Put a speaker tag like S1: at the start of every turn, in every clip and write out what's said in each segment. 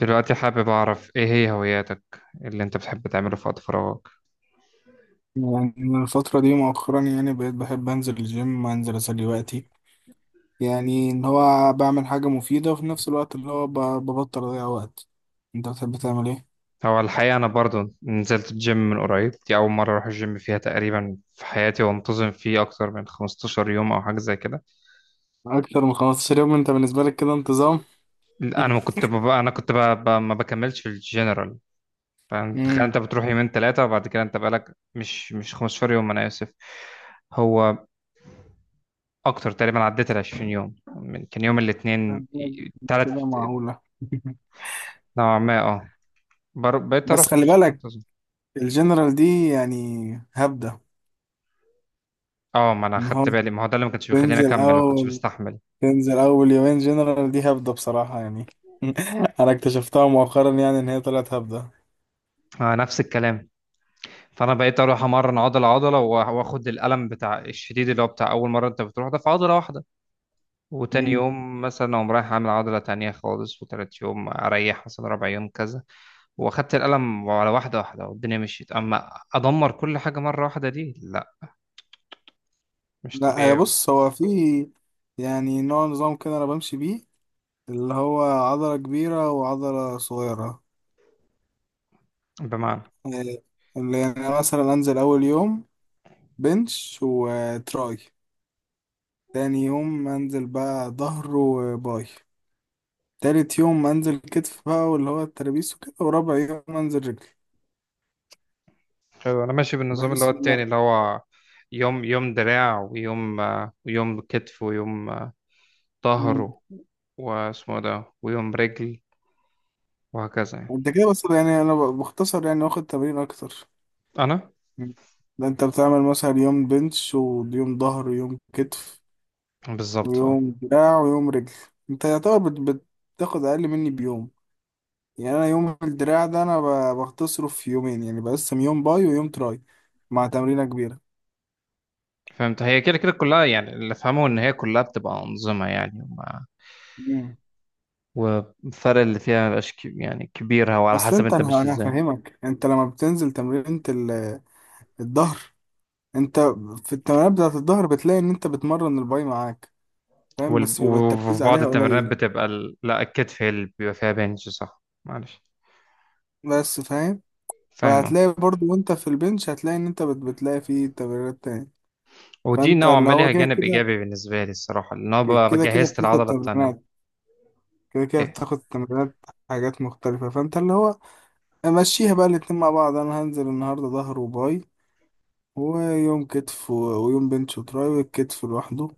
S1: دلوقتي حابب أعرف إيه هي هواياتك اللي أنت بتحب تعمله في وقت فراغك؟
S2: يعني أنا الفترة دي مؤخرا يعني بقيت بحب أنزل الجيم أنزل أسلي وقتي يعني إن هو بعمل حاجة مفيدة وفي نفس الوقت ببطل أضيع وقت. أنت بتحب تعمل إيه؟
S1: هو الحقيقة أنا برضو نزلت الجيم من قريب. دي أول مرة أروح الجيم فيها تقريبا في حياتي، وانتظم فيه أكتر من 15 يوم أو حاجة زي كده.
S2: أكتر من 15 يوم أنت بالنسبة لك كده انتظام؟
S1: أنا كنت ببقى ما بكملش في الجنرال، فاهم؟ تخيل أنت
S2: امم
S1: بتروح يومين ثلاثة وبعد كده أنت بقالك مش 15 يوم. أنا آسف، هو أكتر تقريبا، عديت ال 20 يوم كان يوم الاثنين ثلاث.
S2: كده معقولة.
S1: نوعا ما أه. بقيت
S2: بس
S1: أروح
S2: خلي
S1: بشكل
S2: بالك،
S1: منتظم.
S2: الجنرال دي يعني هبدة.
S1: اه، ما انا
S2: إن هو
S1: خدت بالي، ما هو ده اللي ما كانش بيخليني
S2: تنزل
S1: اكمل، ما كنتش
S2: أول
S1: بستحمل.
S2: تنزل أول يومين جنرال دي هبدة بصراحة يعني أنا اكتشفتها مؤخرا يعني إن هي طلعت هبدة.
S1: آه، نفس الكلام. فانا بقيت اروح امرن عضله عضله، واخد الالم بتاع الشديد اللي هو بتاع اول مره انت بتروح ده في عضله واحده. وتاني يوم مثلا اقوم رايح اعمل عضله تانية خالص. وتالت يوم اريح مثلا ربع يوم كذا. واخدت الالم على واحده واحده والدنيا مشيت. اما ادمر كل حاجه مره واحده، دي لا، مش
S2: لا يا
S1: طبيعي.
S2: بص، هو في يعني نوع نظام كده انا بمشي بيه، اللي هو عضلة كبيرة وعضلة صغيرة.
S1: بمعنى؟
S2: إيه، اللي يعني مثلا انزل اول يوم بنش وتراي، تاني يوم انزل بقى ظهر وباي، تالت يوم انزل كتف بقى واللي هو الترابيس وكده، ورابع يوم انزل رجل.
S1: حلو، انا ماشي بالنظام اللي هو
S2: بحيث ان
S1: التاني،
S2: أنا-
S1: اللي هو يوم يوم دراع، ويوم ويوم كتف، ويوم ظهر،
S2: مم.
S1: واسمه ده، ويوم رجل، وهكذا يعني.
S2: انت كده بس يعني انا بختصر يعني واخد تمرين اكتر.
S1: انا
S2: مم. ده انت بتعمل مثلا يوم بنش ويوم ظهر ويوم كتف
S1: بالظبط اه.
S2: ويوم دراع ويوم رجل. انت يعتبر بتاخد اقل مني بيوم. يعني انا يوم الدراع ده انا بختصره في يومين يعني بقسم يوم باي ويوم تراي مع تمرينة كبيرة.
S1: فهمت، هي كده كده كلها يعني، اللي فهمه ان هي كلها بتبقى انظمه يعني، وما
S2: مم.
S1: والفرق اللي فيها مبقاش يعني كبير، هو على
S2: اصل
S1: حسب
S2: انت
S1: انت
S2: انا
S1: ماشي
S2: انا
S1: ازاي.
S2: هفهمك، انت لما بتنزل تمرينة الظهر، انت في التمرينات بتاعت الظهر بتلاقي ان انت بتمرن الباي معاك، فاهم؟ بس بيبقى التركيز
S1: وفي بعض
S2: عليها
S1: التمرينات
S2: قليل.
S1: بتبقى لا، الكتف هي اللي بيبقى فيها بنش، صح معلش.
S2: بس فاهم،
S1: فاهم اه.
S2: فهتلاقي برضو وانت في البنش هتلاقي ان بتلاقي فيه تمرينات تاني.
S1: ودي
S2: فانت
S1: نوعا
S2: اللي
S1: ما
S2: هو
S1: ليها
S2: كده
S1: جانب
S2: كده،
S1: ايجابي بالنسبه لي الصراحه، لان انا بقى
S2: كده كده
S1: جهزت
S2: بتاخد
S1: العضله
S2: تمرينات
S1: التانيه.
S2: كده كده بتاخد تمرينات حاجات مختلفة. فانت اللي هو مشيها بقى الاتنين مع بعض. انا هنزل النهاردة ظهر وباي، ويوم كتف ويوم بنش وتراي والكتف لوحده،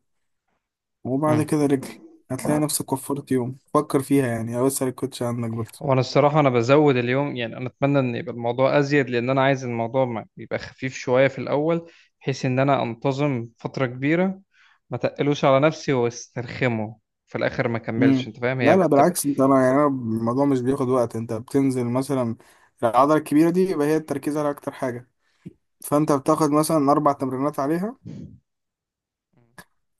S2: وبعد
S1: ايه.
S2: كده رجل. هتلاقي نفسك وفرت يوم، فكر فيها يعني او اسأل الكوتش عنك برضه.
S1: هو انا الصراحه انا بزود اليوم يعني. انا اتمنى ان يبقى الموضوع ازيد، لان انا عايز الموضوع ما يبقى خفيف شويه في الاول، بحيث ان انا انتظم فتره كبيره، ما تقلوش على نفسي واسترخمه في الاخر ما كملش.
S2: امم.
S1: انت فاهم، هي
S2: لا لا
S1: بتبقى
S2: بالعكس، انت انا يعني أنا الموضوع مش بياخد وقت. انت بتنزل مثلا العضلة الكبيرة دي يبقى هي التركيز على اكتر حاجة، فانت بتاخد مثلا 4 تمرينات عليها.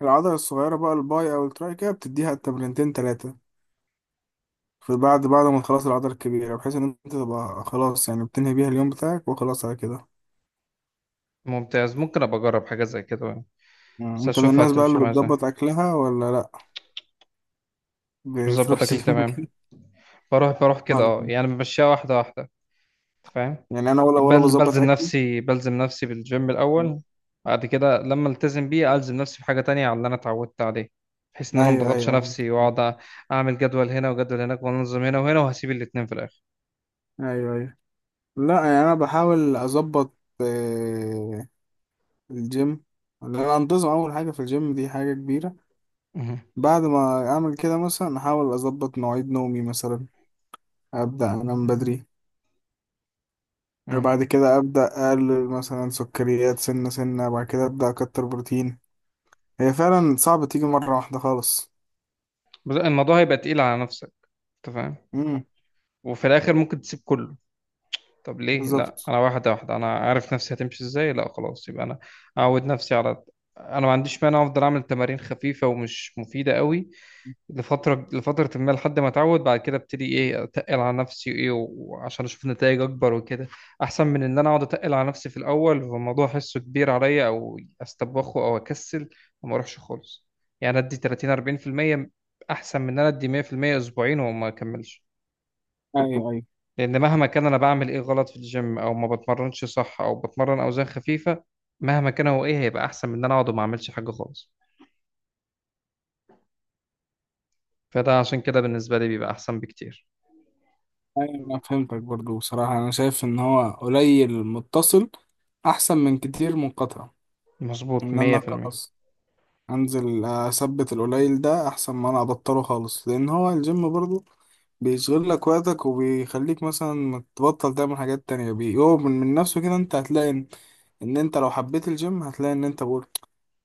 S2: العضلة الصغيرة بقى الباي او التراي كده بتديها تمرينتين تلاتة في بعد ما تخلص العضلة الكبيرة، بحيث إن أنت تبقى خلاص يعني بتنهي بيها اليوم بتاعك وخلاص على كده.
S1: ممتاز. ممكن ابقى اجرب حاجه زي كده،
S2: مم.
S1: بس
S2: أنت من
S1: اشوفها
S2: الناس بقى
S1: هتمشي
S2: اللي
S1: معايا ازاي.
S2: بتظبط أكلها ولا لأ؟
S1: مش
S2: بتروح
S1: مظبط اكل
S2: جيم
S1: تمام.
S2: كده؟
S1: بروح كده
S2: ولا
S1: اه يعني، بمشيها واحده واحده. أنت فاهم؟
S2: يعني أنا ولا
S1: بل
S2: بظبط
S1: بلزم
S2: أكلي.
S1: نفسي بلزم نفسي بالجيم
S2: مم.
S1: الأول. بعد كده لما التزم بيه، ألزم نفسي بحاجة تانية على اللي أنا اتعودت عليه، بحيث إن أنا
S2: أيوه
S1: مضغطش
S2: أيوه
S1: نفسي
S2: أيوه.
S1: وأقعد أعمل جدول هنا وجدول هناك وأنظم هنا وهنا، وهسيب الاتنين في الآخر.
S2: أيوه أيوه، لأ يعني أنا بحاول أظبط، آه، الجيم. إن أنا أنتظم أول حاجة في الجيم دي حاجة كبيرة.
S1: مهم.
S2: بعد ما أعمل كده مثلا أحاول أظبط مواعيد نومي مثلا، أبدأ أنام بدري.
S1: مهم.
S2: بعد كده أبدأ أقلل مثلا سكريات سنة سنة، بعد كده أبدأ أكتر بروتين. هي فعلا صعب تيجي مرة واحدة خالص.
S1: بس الموضوع هيبقى تقيل على نفسك، أنت فاهم؟
S2: امم.
S1: وفي الآخر ممكن تسيب كله. طب ليه لا؟
S2: بالظبط.
S1: أنا واحدة واحدة، أنا عارف نفسي هتمشي إزاي. لا خلاص، يبقى أنا أعود نفسي على... أنا ما عنديش مانع أفضل أعمل تمارين خفيفة ومش مفيدة قوي لفترة، لفترة ما لحد ما اتعود، بعد كده ابتدي ايه اتقل على نفسي ايه، وعشان اشوف نتائج اكبر وكده، احسن من ان انا اقعد اتقل على نفسي في الاول فالموضوع احسه كبير عليا او استبخه او اكسل وما اروحش خالص. يعني ادي 30 40%، احسن من ان انا ادي 100% اسبوعين وما اكملش.
S2: أيوه أيوه
S1: لان مهما كان انا بعمل ايه غلط في الجيم او ما بتمرنش صح او بتمرن اوزان خفيفة، مهما كان هو ايه، هيبقى احسن من ان انا اقعد وما اعملش حاجة خالص. فده عشان كده بالنسبة لي بيبقى احسن بكتير.
S2: أيوه. أنا فهمتك برضو، بصراحة أنا شايف إن هو قليل متصل أحسن من كتير منقطع.
S1: مظبوط
S2: إن أنا أقطع،
S1: 100%.
S2: انزل آه، اثبت القليل ده احسن ما انا ابطله خالص. لان هو الجيم برضه بيشغل لك وقتك وبيخليك مثلا ما تبطل تعمل حاجات تانية، بيقوم من نفسه كده انت هتلاقي ان ان انت لو حبيت الجيم هتلاقي ان انت بقول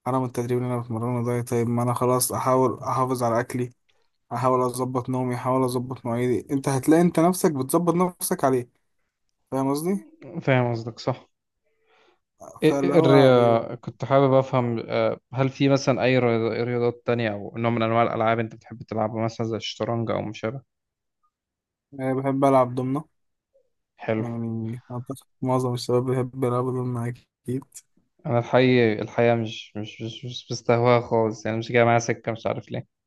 S2: حرام التدريب اللي انا بتمرنه ده. طيب ما انا خلاص احاول احافظ على اكلي، احاول اظبط نومي، احاول اظبط مواعيدي. انت هتلاقي انت نفسك بتظبط نفسك عليه. فاهم قصدي؟
S1: فاهم قصدك صح.
S2: فاللي
S1: إيه
S2: هو إيه،
S1: الرياضة، كنت حابب أفهم هل في مثلا أي رياضات تانية أو نوع من أنواع الألعاب أنت بتحب تلعبها، مثلا زي الشطرنج أو ما شابه؟
S2: يعني بحب العب ضمنه.
S1: حلو.
S2: يعني اعتقد معظم الشباب بيحب يلعبوا ضمنه اكيد.
S1: أنا الحقيقة مش بستهواها خالص يعني، مش جاية معايا سكة، مش عارف ليه.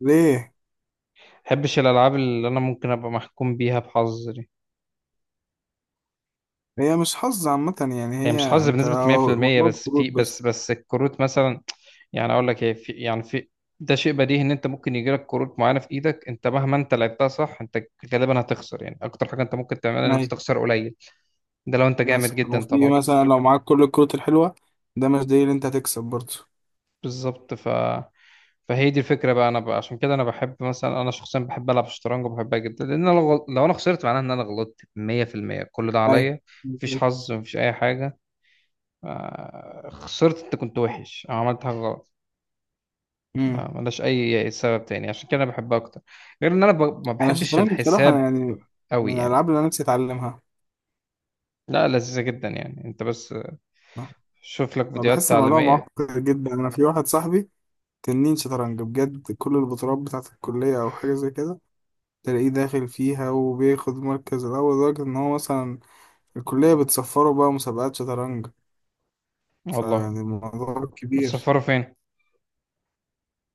S2: ليه؟
S1: مبحبش الألعاب اللي أنا ممكن أبقى محكوم بيها بحظ دي.
S2: هي مش حظ عامة يعني
S1: يعني
S2: هي
S1: مش حظ
S2: انت.
S1: بنسبة 100%،
S2: موضوع
S1: بس
S2: الكروت
S1: في بس
S2: بس.
S1: بس الكروت مثلا. يعني اقول لك ايه، في ده شيء بديهي ان انت ممكن يجي لك كروت معينه في ايدك، انت مهما انت لعبتها صح، انت غالبا هتخسر. يعني اكتر حاجه انت ممكن تعملها ان انت
S2: ايوه،
S1: تخسر قليل، ده لو انت جامد
S2: مثلا
S1: جدا
S2: وفي
S1: طبعا.
S2: مثلا لو معاك كل الكروت الحلوة ده مش دليل انت هتكسب برضه.
S1: بالظبط. فهي دي الفكره بقى. انا بقى عشان كده انا بحب مثلا، انا شخصيا بحب العب شطرنج وبحبها جدا، لان أنا لو انا خسرت، معناها ان انا غلطت 100%، كل ده
S2: ايوه
S1: عليا. مفيش
S2: بالظبط.
S1: حظ، مفيش اي حاجه. آه، خسرت انت كنت وحش أو عملت حاجه غلط.
S2: امم.
S1: ما ملاش اي سبب تاني، عشان كده انا بحبها اكتر، غير ان انا ما
S2: انا
S1: بحبش
S2: الشطرنج بصراحة
S1: الحساب
S2: يعني
S1: قوي
S2: من
S1: يعني.
S2: الالعاب اللي انا نفسي اتعلمها.
S1: لا، لذيذة جدا يعني، انت بس شوف لك
S2: ما
S1: فيديوهات
S2: بحس الموضوع
S1: تعليمية.
S2: معقد جدا. انا في واحد صاحبي تنين شطرنج بجد، كل البطولات بتاعة الكلية او حاجة زي كده تلاقيه داخل فيها وبياخد مركز الاول، لدرجة ان هو مثلا الكلية بتصفره بقى مسابقات شطرنج.
S1: والله؟
S2: فيعني الموضوع كبير.
S1: بتسفروا فين؟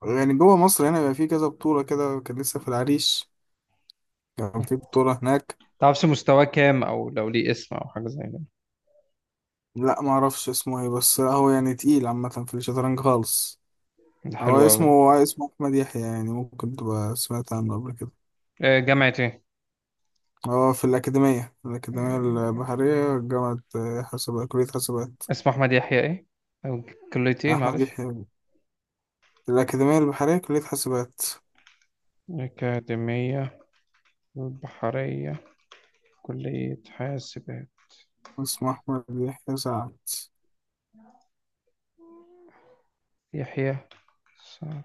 S2: يعني جوه مصر هنا بيبقى في كذا بطولة كده، كان لسه في العريش كان في بطولة هناك.
S1: تعرفش مستواه كام، او لو ليه اسم او حاجة زي كده؟
S2: لا ما اعرفش اسمه ايه، بس لا هو يعني تقيل عامة في الشطرنج خالص.
S1: ده
S2: هو
S1: حلو قوي ده.
S2: اسمه أحمد يحيى، يعني ممكن تبقى سمعت عنه قبل كده.
S1: آه، جامعة ايه؟
S2: هو في الأكاديمية، الأكاديمية
S1: آه،
S2: البحرية، جامعة حسابات، كلية حسابات.
S1: اسمه احمد يحيى ايه، او كلية ايه
S2: أحمد
S1: معلش؟
S2: يحيى، الأكاديمية البحرية، كلية حسابات.
S1: أكاديمية البحرية، كلية حاسبات.
S2: اسمه أحمد يحيى سعد.
S1: يحيى، صح.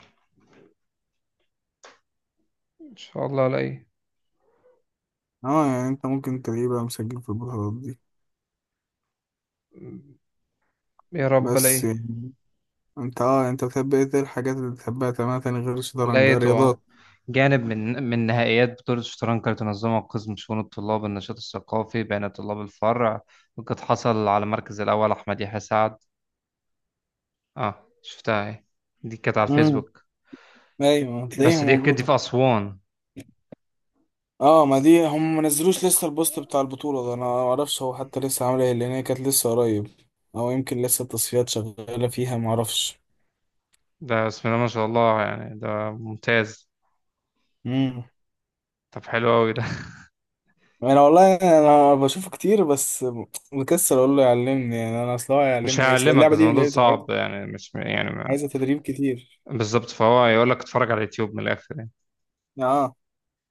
S1: إن شاء الله ألاقيه.
S2: اه يعني انت ممكن تلاقيه بقى مسجل في البطولات دي.
S1: يا رب
S2: بس
S1: ألاقيه.
S2: يعني انت اه انت بتحب ايه، إيه الحاجات اللي بتحبها تماما تاني غير الشطرنج،
S1: لقيته
S2: رياضات؟
S1: آه. جانب من نهائيات بطولة الشطرنج كانت تنظمها قسم شؤون الطلاب، النشاط الثقافي بين طلاب الفرع، وقد حصل على المركز الأول أحمد يحيى سعد. اه شفتها اهي، دي كانت على
S2: امم.
S1: الفيسبوك.
S2: ايوه هتلاقيها
S1: بس دي كانت دي
S2: موجوده.
S1: في أسوان.
S2: اه ما دي هم ما نزلوش لسه البوست بتاع البطوله ده، انا ما اعرفش هو حتى لسه عامل ايه لان هي كانت لسه قريب، او يمكن لسه التصفيات شغاله فيها ما اعرفش.
S1: ده بسم الله ما شاء الله يعني، ده ممتاز.
S2: امم.
S1: طب حلو أوي ده.
S2: انا والله انا بشوفه كتير، بس مكسل اقول له يعلمني. يعني انا اصلا هو
S1: مش
S2: هيعلمني ايه، أصل
S1: هعلمك، بس
S2: اللعبه دي اللي
S1: الموضوع
S2: هي بتبقى عايزه،
S1: صعب يعني، مش يعني
S2: عايزة تدريب كتير.
S1: بالظبط، فهو يقول لك اتفرج على اليوتيوب من الآخر يعني،
S2: اه.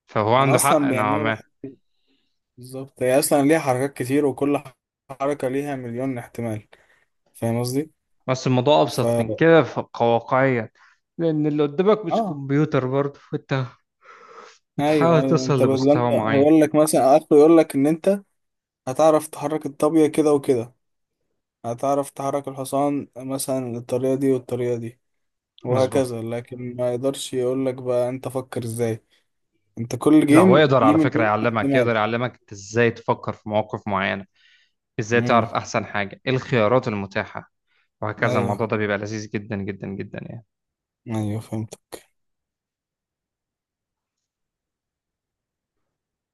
S1: فهو
S2: انا
S1: عنده حق.
S2: اصلا
S1: أنا
S2: يعني انا بحب، بالظبط هي اصلا ليها حركات كتير وكل حركه ليها مليون احتمال. فاهم قصدي؟
S1: بس الموضوع
S2: ف
S1: ابسط من كده كواقعيا، لان اللي قدامك مش
S2: اه
S1: كمبيوتر برضه، وانت
S2: ايوه
S1: بتحاول
S2: ايوه.
S1: توصل
S2: انت بدل،
S1: لمستوى
S2: انت
S1: معين.
S2: هيقول لك مثلا اخره يقول لك ان انت هتعرف تحرك الطابية كده وكده، هتعرف تحرك الحصان مثلا الطريقة دي والطريقة دي،
S1: مظبوط.
S2: وهكذا. لكن ما يقدرش يقول لك بقى انت فكر ازاي. انت كل
S1: لا، هو
S2: جيم
S1: يقدر
S2: ليه
S1: على فكرة
S2: مليون
S1: يعلمك، يقدر
S2: احتمال.
S1: يعلمك انت ازاي تفكر في مواقف معينة، ازاي
S2: امم.
S1: تعرف احسن حاجة، ايه الخيارات المتاحة، وهكذا. الموضوع
S2: ايوه
S1: ده بيبقى لذيذ جدا جدا جدا يعني.
S2: ايوه فهمت.